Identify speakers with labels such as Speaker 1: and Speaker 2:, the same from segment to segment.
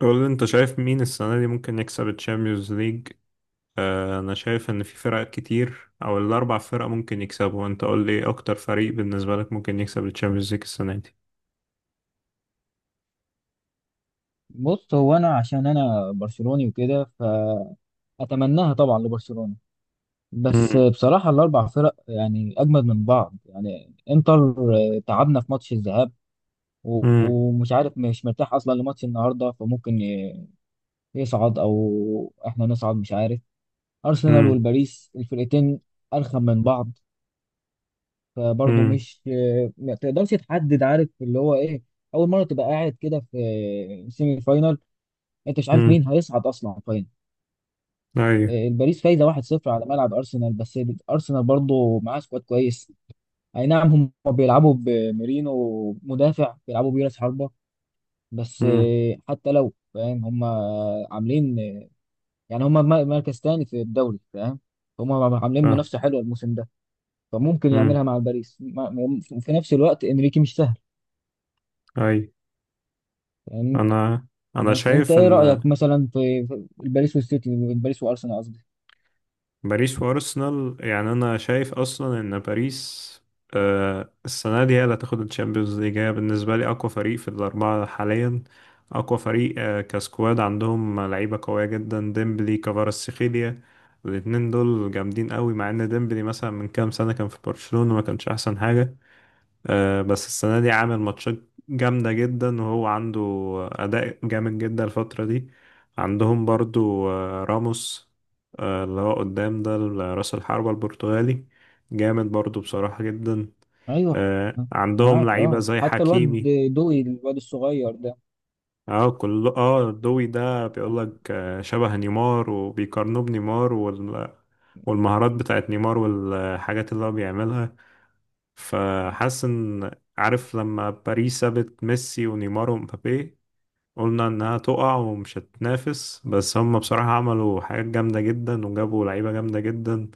Speaker 1: قول لي، انت شايف مين السنة دي ممكن يكسب الشامبيونز ليج؟ انا شايف ان في فرق كتير او الاربع فرق ممكن يكسبوا. انت قول لي ايه اكتر فريق بالنسبة لك ممكن يكسب الشامبيونز ليج السنة دي؟
Speaker 2: بص، هو انا عشان انا برشلوني وكده، فاتمناها طبعا لبرشلونة. بس
Speaker 1: امم.
Speaker 2: بصراحة الاربع فرق يعني اجمد من بعض. يعني انتر تعبنا في ماتش الذهاب.
Speaker 1: امم.
Speaker 2: ومش عارف، مش مرتاح اصلا لماتش النهارده، فممكن يصعد او احنا نصعد، مش عارف. ارسنال
Speaker 1: امم.
Speaker 2: والباريس الفرقتين ارخم من بعض، فبرضه
Speaker 1: امم.
Speaker 2: مش ما تقدرش تحدد، عارف اللي هو ايه. اول مرة تبقى قاعد كده في سيمي فاينال، انت مش عارف
Speaker 1: امم.
Speaker 2: مين هيصعد اصلا فاينل.
Speaker 1: ايوه.
Speaker 2: الباريس فايزه 1-0 على ملعب ارسنال بس. ارسنال برضه معاه سكواد كويس، اي نعم، هم بيلعبوا بميرينو مدافع، بيلعبوا بيراس حربة بس.
Speaker 1: امم.
Speaker 2: حتى لو فاهم، هم عاملين، يعني هم مركز تاني في الدوري، فاهم، هم عاملين
Speaker 1: اه.
Speaker 2: منافسه حلوه الموسم ده، فممكن يعملها
Speaker 1: امم.
Speaker 2: مع الباريس وفي نفس الوقت انريكي مش سهل،
Speaker 1: ايوه.
Speaker 2: فاهم.
Speaker 1: انا انا
Speaker 2: بس انت
Speaker 1: شايف
Speaker 2: ايه
Speaker 1: ان
Speaker 2: رايك مثلا في الباريس والسيتي، الباريس وارسنال قصدي؟
Speaker 1: باريس وارسنال. يعني انا شايف اصلا ان باريس السنه دي هي اللي هتاخد الشامبيونز ليج. هي بالنسبه لي اقوى فريق في الاربعه حاليا. اقوى فريق كسكواد. عندهم لعيبه قويه جدا، ديمبلي، كفاراتسخيليا. الاتنين دول جامدين قوي، مع ان ديمبلي مثلا من كام سنه كان في برشلونه ما كانش احسن حاجه. بس السنة دي عامل ماتشات جامدة جدا، وهو عنده أداء جامد جدا الفترة دي. عندهم برضو راموس، اللي هو قدام ده، رأس الحربة البرتغالي، جامد برضو بصراحة جدا.
Speaker 2: ايوه،
Speaker 1: عندهم
Speaker 2: معاك.
Speaker 1: لعيبة
Speaker 2: اه
Speaker 1: زي
Speaker 2: حتى الواد
Speaker 1: حكيمي.
Speaker 2: دوي، الواد الصغير ده.
Speaker 1: اه، كل دوي ده بيقولك شبه نيمار، وبيقارنوه بنيمار والمهارات بتاعت نيمار والحاجات اللي هو بيعملها. فحاسس ان، عارف لما باريس سابت ميسي ونيمار ومبابي، قلنا انها تقع ومش هتنافس، بس هم بصراحة عملوا حاجات جامدة جدا وجابوا لعيبة جامدة جدا.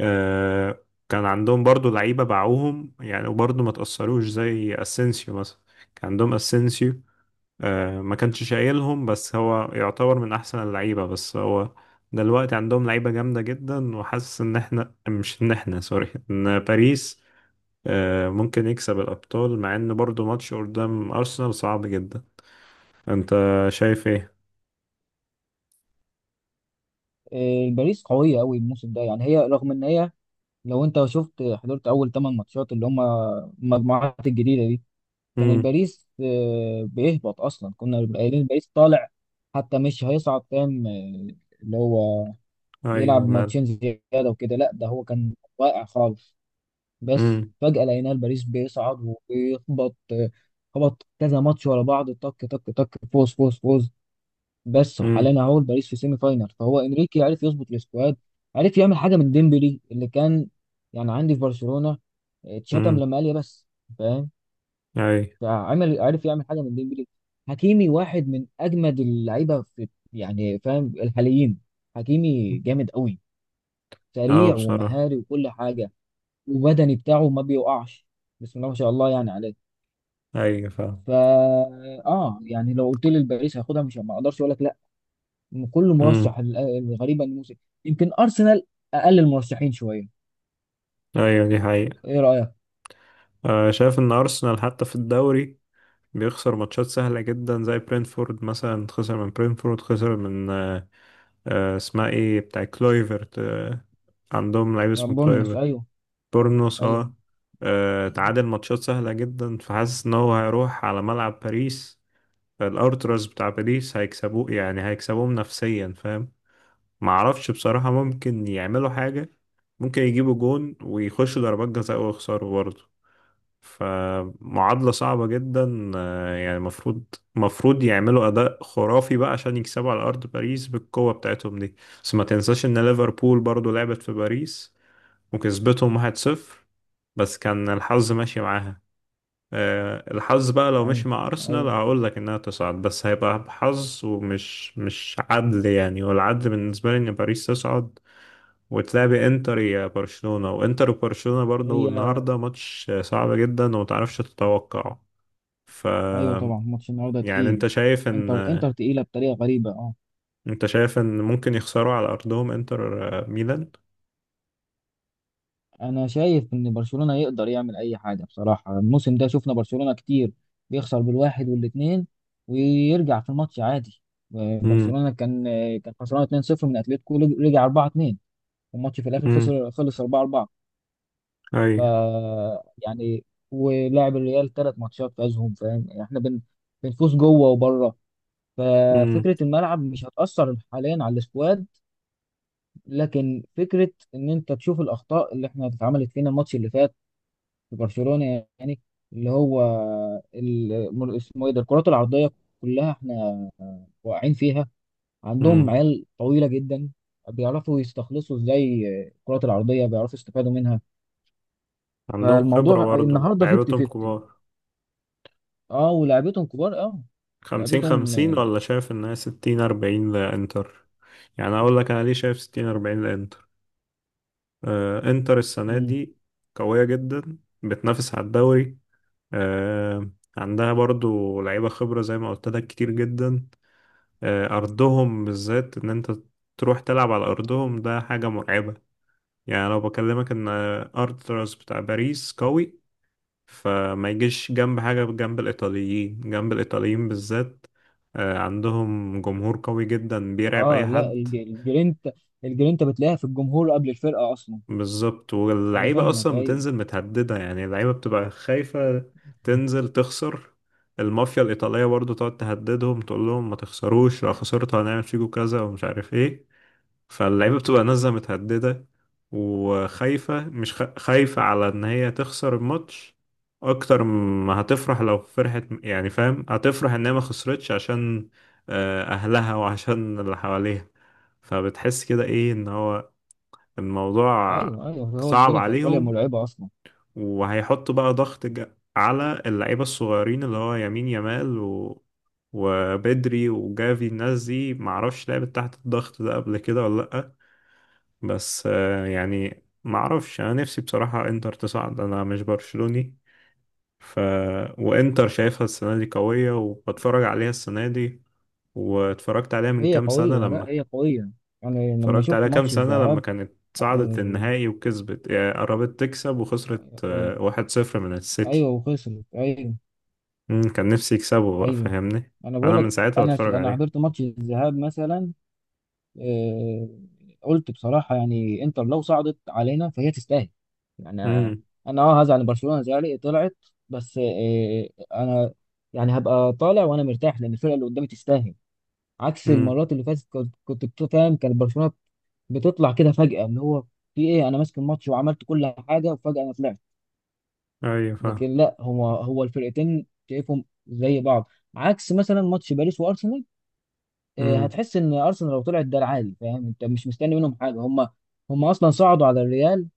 Speaker 1: آه كان عندهم برضو لعيبة باعوهم يعني، وبرضو ما تأثروش، زي اسينسيو مثلا. كان عندهم اسينسيو ما كانش شايلهم، بس هو يعتبر من احسن اللعيبة. بس هو دلوقتي عندهم لعيبة جامدة جدا. وحاسس ان احنا، مش ان احنا، سوري، ان باريس ممكن يكسب الأبطال، مع إن برضو ماتش قدام أرسنال صعب جدا. أنت شايف إيه؟
Speaker 2: باريس قوية أوي الموسم ده، يعني هي رغم إن هي، لو أنت شفت حضرت أول 8 ماتشات اللي هم المجموعات الجديدة دي، كان
Speaker 1: مم.
Speaker 2: الباريس بيهبط أصلا، كنا قايلين الباريس طالع حتى مش هيصعد، فاهم، اللي هو
Speaker 1: أيوه،
Speaker 2: يلعب
Speaker 1: من.
Speaker 2: ماتشين زيادة وكده. لا، ده هو كان واقع خالص، بس
Speaker 1: مم.
Speaker 2: فجأة لقينا الباريس بيصعد وبيخبط، خبط كذا ماتش ورا بعض، طك طك طك، فوز فوز فوز بس.
Speaker 1: مم.
Speaker 2: وحاليا اهو باريس في سيمي فاينال، فهو انريكي عرف يظبط السكواد، عرف يعمل حاجه من ديمبلي اللي كان يعني عندي في برشلونه، اتشتم
Speaker 1: مم.
Speaker 2: لما قال يا بس، فاهم.
Speaker 1: أيوه.
Speaker 2: فعمل، عرف يعمل حاجه من ديمبلي. حكيمي واحد من اجمد اللعيبه في، يعني فاهم، الحاليين. حكيمي جامد قوي،
Speaker 1: أه،
Speaker 2: سريع
Speaker 1: بصراحة.
Speaker 2: ومهاري وكل حاجه، وبدني بتاعه ما بيوقعش، بسم الله ما شاء الله، يعني عليه.
Speaker 1: أيوه، فاهم.
Speaker 2: فا، اه يعني، لو قلت لي الباريس هياخدها، مش، ما اقدرش اقول لك. كله
Speaker 1: مم.
Speaker 2: مرشح، الغريبه ان موسم يمكن ارسنال اقل المرشحين شويه.
Speaker 1: أيوه، دي حقيقة.
Speaker 2: ايه رايك؟
Speaker 1: شايف إن أرسنال حتى في الدوري بيخسر ماتشات سهلة جدا، زي برينفورد مثلا، خسر من برينفورد، خسر من اسمها إيه، بتاع كلويفرت. عندهم لعيب
Speaker 2: يعني
Speaker 1: اسمه
Speaker 2: بورنموث،
Speaker 1: كلويفرت.
Speaker 2: ايوه.
Speaker 1: بورنوس،
Speaker 2: ايوه،
Speaker 1: اه. تعادل ماتشات سهلة جدا. فحاسس ان هو هيروح على ملعب باريس، الارتراس بتاع باريس هيكسبوه، يعني هيكسبوهم نفسيا، فاهم. معرفش بصراحة، ممكن يعملوا حاجة، ممكن يجيبوا جون ويخشوا ضربات جزاء ويخسروا برضه. فمعادلة صعبة جدا. يعني المفروض يعملوا أداء خرافي بقى عشان يكسبوا على أرض باريس بالقوة بتاعتهم دي. بس ما تنساش إن ليفربول برضه لعبت في باريس وكسبتهم 1-0، بس كان الحظ ماشي معاها. الحظ بقى لو
Speaker 2: ايوه،
Speaker 1: مشي مع أرسنال
Speaker 2: ايوه.
Speaker 1: هقول لك إنها تصعد، بس هيبقى حظ، ومش مش عدل يعني. والعدل بالنسبة لي إن باريس تصعد، وتلاعبي إنتر. يا برشلونة وإنتر، وبرشلونة برضه
Speaker 2: هي،
Speaker 1: النهاردة ماتش صعب جدا ومتعرفش تتوقعه. ف
Speaker 2: ايوه طبعا ماتش النهارده
Speaker 1: يعني أنت
Speaker 2: تقيل.
Speaker 1: شايف إن
Speaker 2: انتر، انتر تقيله بطريقه غريبه اه.
Speaker 1: أنت شايف إن ممكن يخسروا على أرضهم، إنتر ميلان.
Speaker 2: انا شايف ان برشلونه يقدر يعمل اي حاجه، بصراحه الموسم ده شفنا برشلونه كتير بيخسر بالواحد والاثنين ويرجع في الماتش عادي.
Speaker 1: امم.
Speaker 2: برشلونه كان خسران 2-0 من اتلتيكو، رجع 4-2، والماتش في الاخر
Speaker 1: امم.
Speaker 2: خسر، خلص 4-4.
Speaker 1: اي.
Speaker 2: ف، يعني، ولعب الريال 3 ماتشات فازهم، فاهم يعني احنا بنفوز جوه وبره.
Speaker 1: امم.
Speaker 2: ففكره الملعب مش هتاثر حاليا على السكواد، لكن فكره ان انت تشوف الاخطاء اللي احنا اتعملت فينا الماتش اللي فات في برشلونه، يعني اللي هو اسمه ايه ده، الكرات العرضيه كلها احنا واقعين فيها. عندهم عيال طويله جدا، بيعرفوا يستخلصوا ازاي الكرات العرضيه، بيعرفوا يستفادوا منها.
Speaker 1: عندهم خبرة
Speaker 2: فالموضوع
Speaker 1: برضه،
Speaker 2: النهارده 50
Speaker 1: لعيبتهم
Speaker 2: 50.
Speaker 1: كبار.
Speaker 2: اه، ولعبتهم كبار، اه
Speaker 1: خمسين
Speaker 2: لعبتهم.
Speaker 1: خمسين ولا شايف انها 60-40 لانتر؟ يعني اقول لك انا ليه شايف 60-40 لانتر. انتر السنة
Speaker 2: مم.
Speaker 1: دي قوية جدا، بتنافس على الدوري. آه عندها برضو لعيبة خبرة زي ما قلت لك كتير جدا. ارضهم بالذات، ان انت تروح تلعب على ارضهم ده حاجة مرعبة. يعني لو بكلمك ان ارتراس بتاع باريس قوي، فما يجيش جنب حاجة، جنب الإيطاليين، جنب الإيطاليين بالذات. عندهم جمهور قوي جدا، بيرعب
Speaker 2: اه
Speaker 1: أي
Speaker 2: لا،
Speaker 1: حد.
Speaker 2: الجرينتا، الجرينتا بتلاقيها في الجمهور قبل الفرقه اصلا.
Speaker 1: بالظبط،
Speaker 2: انا
Speaker 1: واللعيبة
Speaker 2: فاهمك،
Speaker 1: أصلا
Speaker 2: ايوه.
Speaker 1: بتنزل متهددة. يعني اللعيبة بتبقى خايفة تنزل تخسر. المافيا الإيطالية برضو تقعد تهددهم، تقول لهم ما تخسروش، لو خسرتوا هنعمل فيكوا كذا ومش عارف إيه. فاللعيبة بتبقى نازلة متهددة وخايفة، مش خايفة على إن هي تخسر الماتش أكتر ما هتفرح. لو فرحت يعني، فاهم، هتفرح إن هي ما خسرتش عشان أهلها وعشان اللي حواليها. فبتحس كده إيه، إن هو الموضوع
Speaker 2: ايوه، ايوه، هو
Speaker 1: صعب
Speaker 2: الدنيا في ايطاليا
Speaker 1: عليهم.
Speaker 2: مرعبه اصلا.
Speaker 1: وهيحطوا بقى ضغط على اللعيبة الصغيرين، اللي هو يمين يمال وبدري وجافي، الناس دي معرفش لعبت تحت الضغط ده قبل كده ولا لأ. بس يعني ما اعرفش، انا نفسي بصراحة انتر تصعد، انا مش برشلوني. ف وانتر شايفها السنة دي قوية، وبتفرج عليها السنة دي، واتفرجت عليها من
Speaker 2: هي
Speaker 1: كام سنة
Speaker 2: قويه، لا
Speaker 1: لما
Speaker 2: هي قويه. يعني لما
Speaker 1: اتفرجت
Speaker 2: شفت
Speaker 1: عليها كام
Speaker 2: ماتش
Speaker 1: سنة لما
Speaker 2: الذهاب
Speaker 1: كانت صعدت
Speaker 2: آه،
Speaker 1: النهائي وكسبت، يعني قربت تكسب وخسرت
Speaker 2: آه،
Speaker 1: 1-0 من السيتي.
Speaker 2: ايوه، وخسرت ايوه.
Speaker 1: كان نفسي يكسبوا بقى،
Speaker 2: ايوه،
Speaker 1: فاهمني.
Speaker 2: انا بقول
Speaker 1: فانا
Speaker 2: لك،
Speaker 1: من ساعتها
Speaker 2: انا
Speaker 1: بتفرج
Speaker 2: انا
Speaker 1: عليهم.
Speaker 2: حضرت ماتش الذهاب مثلا، آه، قلت بصراحه، يعني انتر لو صعدت علينا فهي تستاهل، يعني
Speaker 1: امم.
Speaker 2: انا هزعل ان برشلونه زعلت طلعت، بس انا يعني هبقى طالع وانا مرتاح لان الفرقه اللي قدامي تستاهل. عكس
Speaker 1: امم.
Speaker 2: المرات اللي فاتت، كنت فاهم، كان برشلونه بتطلع كده فجاه، اللي هو في ايه، انا ماسك الماتش وعملت كل حاجه وفجاه انا طلعت.
Speaker 1: ايوه، فاهم.
Speaker 2: لكن لا، هو الفرقتين شايفهم زي بعض، عكس مثلا ماتش باريس وارسنال.
Speaker 1: امم.
Speaker 2: هتحس ان ارسنال لو طلعت ده العادي، فاهم انت مش مستني منهم حاجه. هم اصلا صعدوا على الريال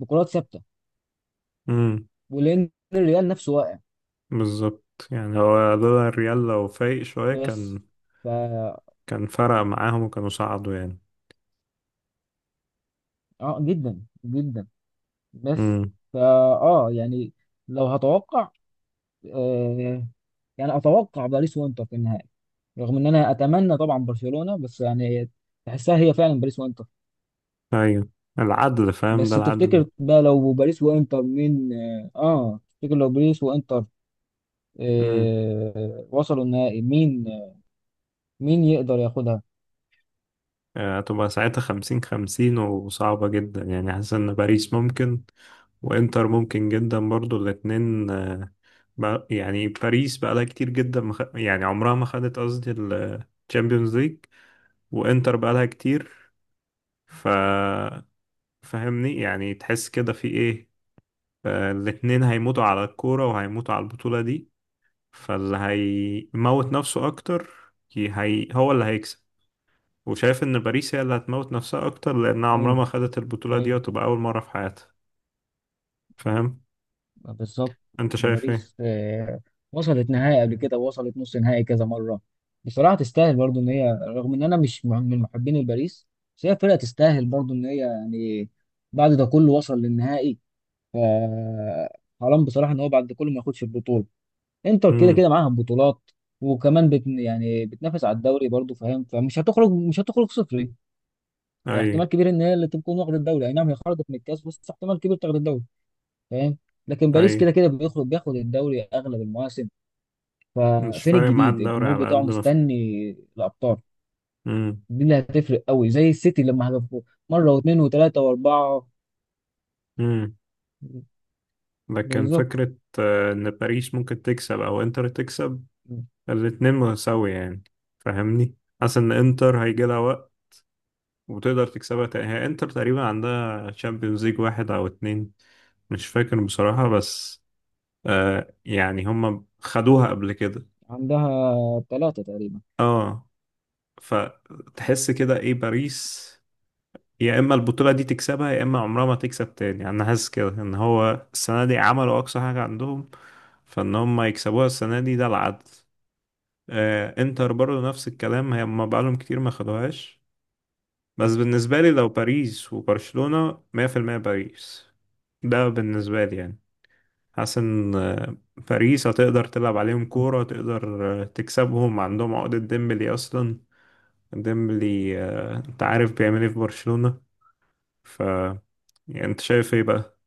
Speaker 2: بكرات ثابته،
Speaker 1: امم.
Speaker 2: ولان الريال نفسه واقع.
Speaker 1: بالظبط. يعني هو لولا الريال لو فايق شوية،
Speaker 2: بس،
Speaker 1: كان
Speaker 2: ف،
Speaker 1: كان فرق معاهم، وكانوا صعدوا يعني.
Speaker 2: اه جدا جدا. بس،
Speaker 1: امم.
Speaker 2: فا، اه يعني، لو هتوقع آه يعني، اتوقع باريس وانتر في النهائي. رغم ان انا اتمنى طبعا برشلونه، بس يعني، تحسها هي فعلا باريس وانتر.
Speaker 1: ايوه. العدل فاهم،
Speaker 2: بس
Speaker 1: ده العدل.
Speaker 2: تفتكر بقى لو باريس وانتر مين؟ تفتكر لو باريس وانتر
Speaker 1: امم.
Speaker 2: وصلوا النهائي، مين، مين يقدر ياخدها؟
Speaker 1: هتبقى ساعتها 50-50 وصعبة جدا. يعني حاسس ان باريس ممكن، وانتر ممكن جدا برضو، الاتنين يعني باريس بقالها كتير جدا، يعني عمرها ما خدت، قصدي الشامبيونز ليج. وانتر بقالها كتير. ف فاهمني، يعني تحس كده في ايه. الاتنين هيموتوا على الكورة وهيموتوا على البطولة دي. فاللي هيموت نفسه اكتر، هي هو اللي هيكسب. وشايف ان باريس هي اللي هتموت نفسها اكتر، لانها عمرها
Speaker 2: ايوه،
Speaker 1: ما خدت البطولة دي،
Speaker 2: ايوه،
Speaker 1: وتبقى اول مرة في حياتها. فاهم،
Speaker 2: بالظبط.
Speaker 1: انت شايف ايه؟
Speaker 2: باريس وصلت نهائي قبل كده ووصلت نص نهائي كذا مره، بصراحه تستاهل برضو. ان هي، رغم ان انا مش من محبين باريس، بس هي فرقه تستاهل، برضو ان هي يعني بعد ده كله وصل للنهائي. ف، حرام بصراحه ان هو بعد ده كله ما ياخدش البطوله. انتر كده
Speaker 1: امم.
Speaker 2: كده معاها بطولات، وكمان يعني بتنافس على الدوري برضو، فاهم، فمش هتخرج، مش هتخرج صفر. يعني
Speaker 1: اي.
Speaker 2: احتمال كبير ان هي اللي تكون واخده الدوري، اي نعم هي خرجت من الكاس بس احتمال كبير تاخد الدوري، فاهم. لكن باريس
Speaker 1: اي،
Speaker 2: كده كده بيخرج بياخد الدوري اغلب المواسم،
Speaker 1: مش
Speaker 2: ففين
Speaker 1: فارق معاه
Speaker 2: الجديد؟
Speaker 1: الدوري
Speaker 2: الجمهور
Speaker 1: على
Speaker 2: بتاعه
Speaker 1: قد ما
Speaker 2: مستني الابطال.
Speaker 1: امم.
Speaker 2: دي اللي هتفرق قوي، زي السيتي لما هدفوا مره واثنين وثلاثه واربعه.
Speaker 1: امم. لكن
Speaker 2: بالظبط.
Speaker 1: فكرة ان باريس ممكن تكسب او انتر تكسب، الاتنين متساوية يعني، فاهمني. حاسس ان انتر هيجي لها وقت وتقدر تكسبها تاني. هي انتر تقريبا عندها تشامبيونز ليج واحد او اتنين، مش فاكر بصراحة. بس يعني هم خدوها قبل كده.
Speaker 2: عندها ثلاثه تقريبا.
Speaker 1: اه، فتحس كده ايه. باريس يا اما البطولة دي تكسبها، يا اما عمرها ما تكسب تاني. يعني انا حاسس كده ان هو السنة دي عملوا اقصى حاجة عندهم، فان هم يكسبوها السنة دي ده العدل. انتر برضه نفس الكلام، هي ما بقالهم كتير، ما خدوهاش. بس بالنسبة لي لو باريس وبرشلونة، 100% باريس. ده بالنسبة لي يعني. حاسس ان باريس هتقدر تلعب عليهم كورة، تقدر تكسبهم، عندهم عقدة ديمبلي اصلا. ديمبلي انت عارف بيعمل ايه في برشلونة. ف يعني انت شايف ايه بقى؟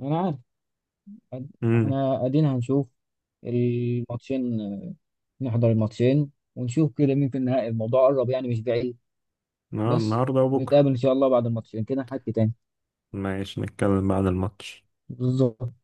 Speaker 2: انا عارف
Speaker 1: امم.
Speaker 2: احنا قاعدين هنشوف الماتشين، نحضر الماتشين ونشوف كده مين في النهائي. الموضوع قرب، يعني مش بعيد. بس
Speaker 1: النهارده وبكرة.
Speaker 2: نتقابل ان شاء الله بعد الماتشين كده، نحكي تاني.
Speaker 1: ماشي، نتكلم بعد الماتش.
Speaker 2: بالظبط.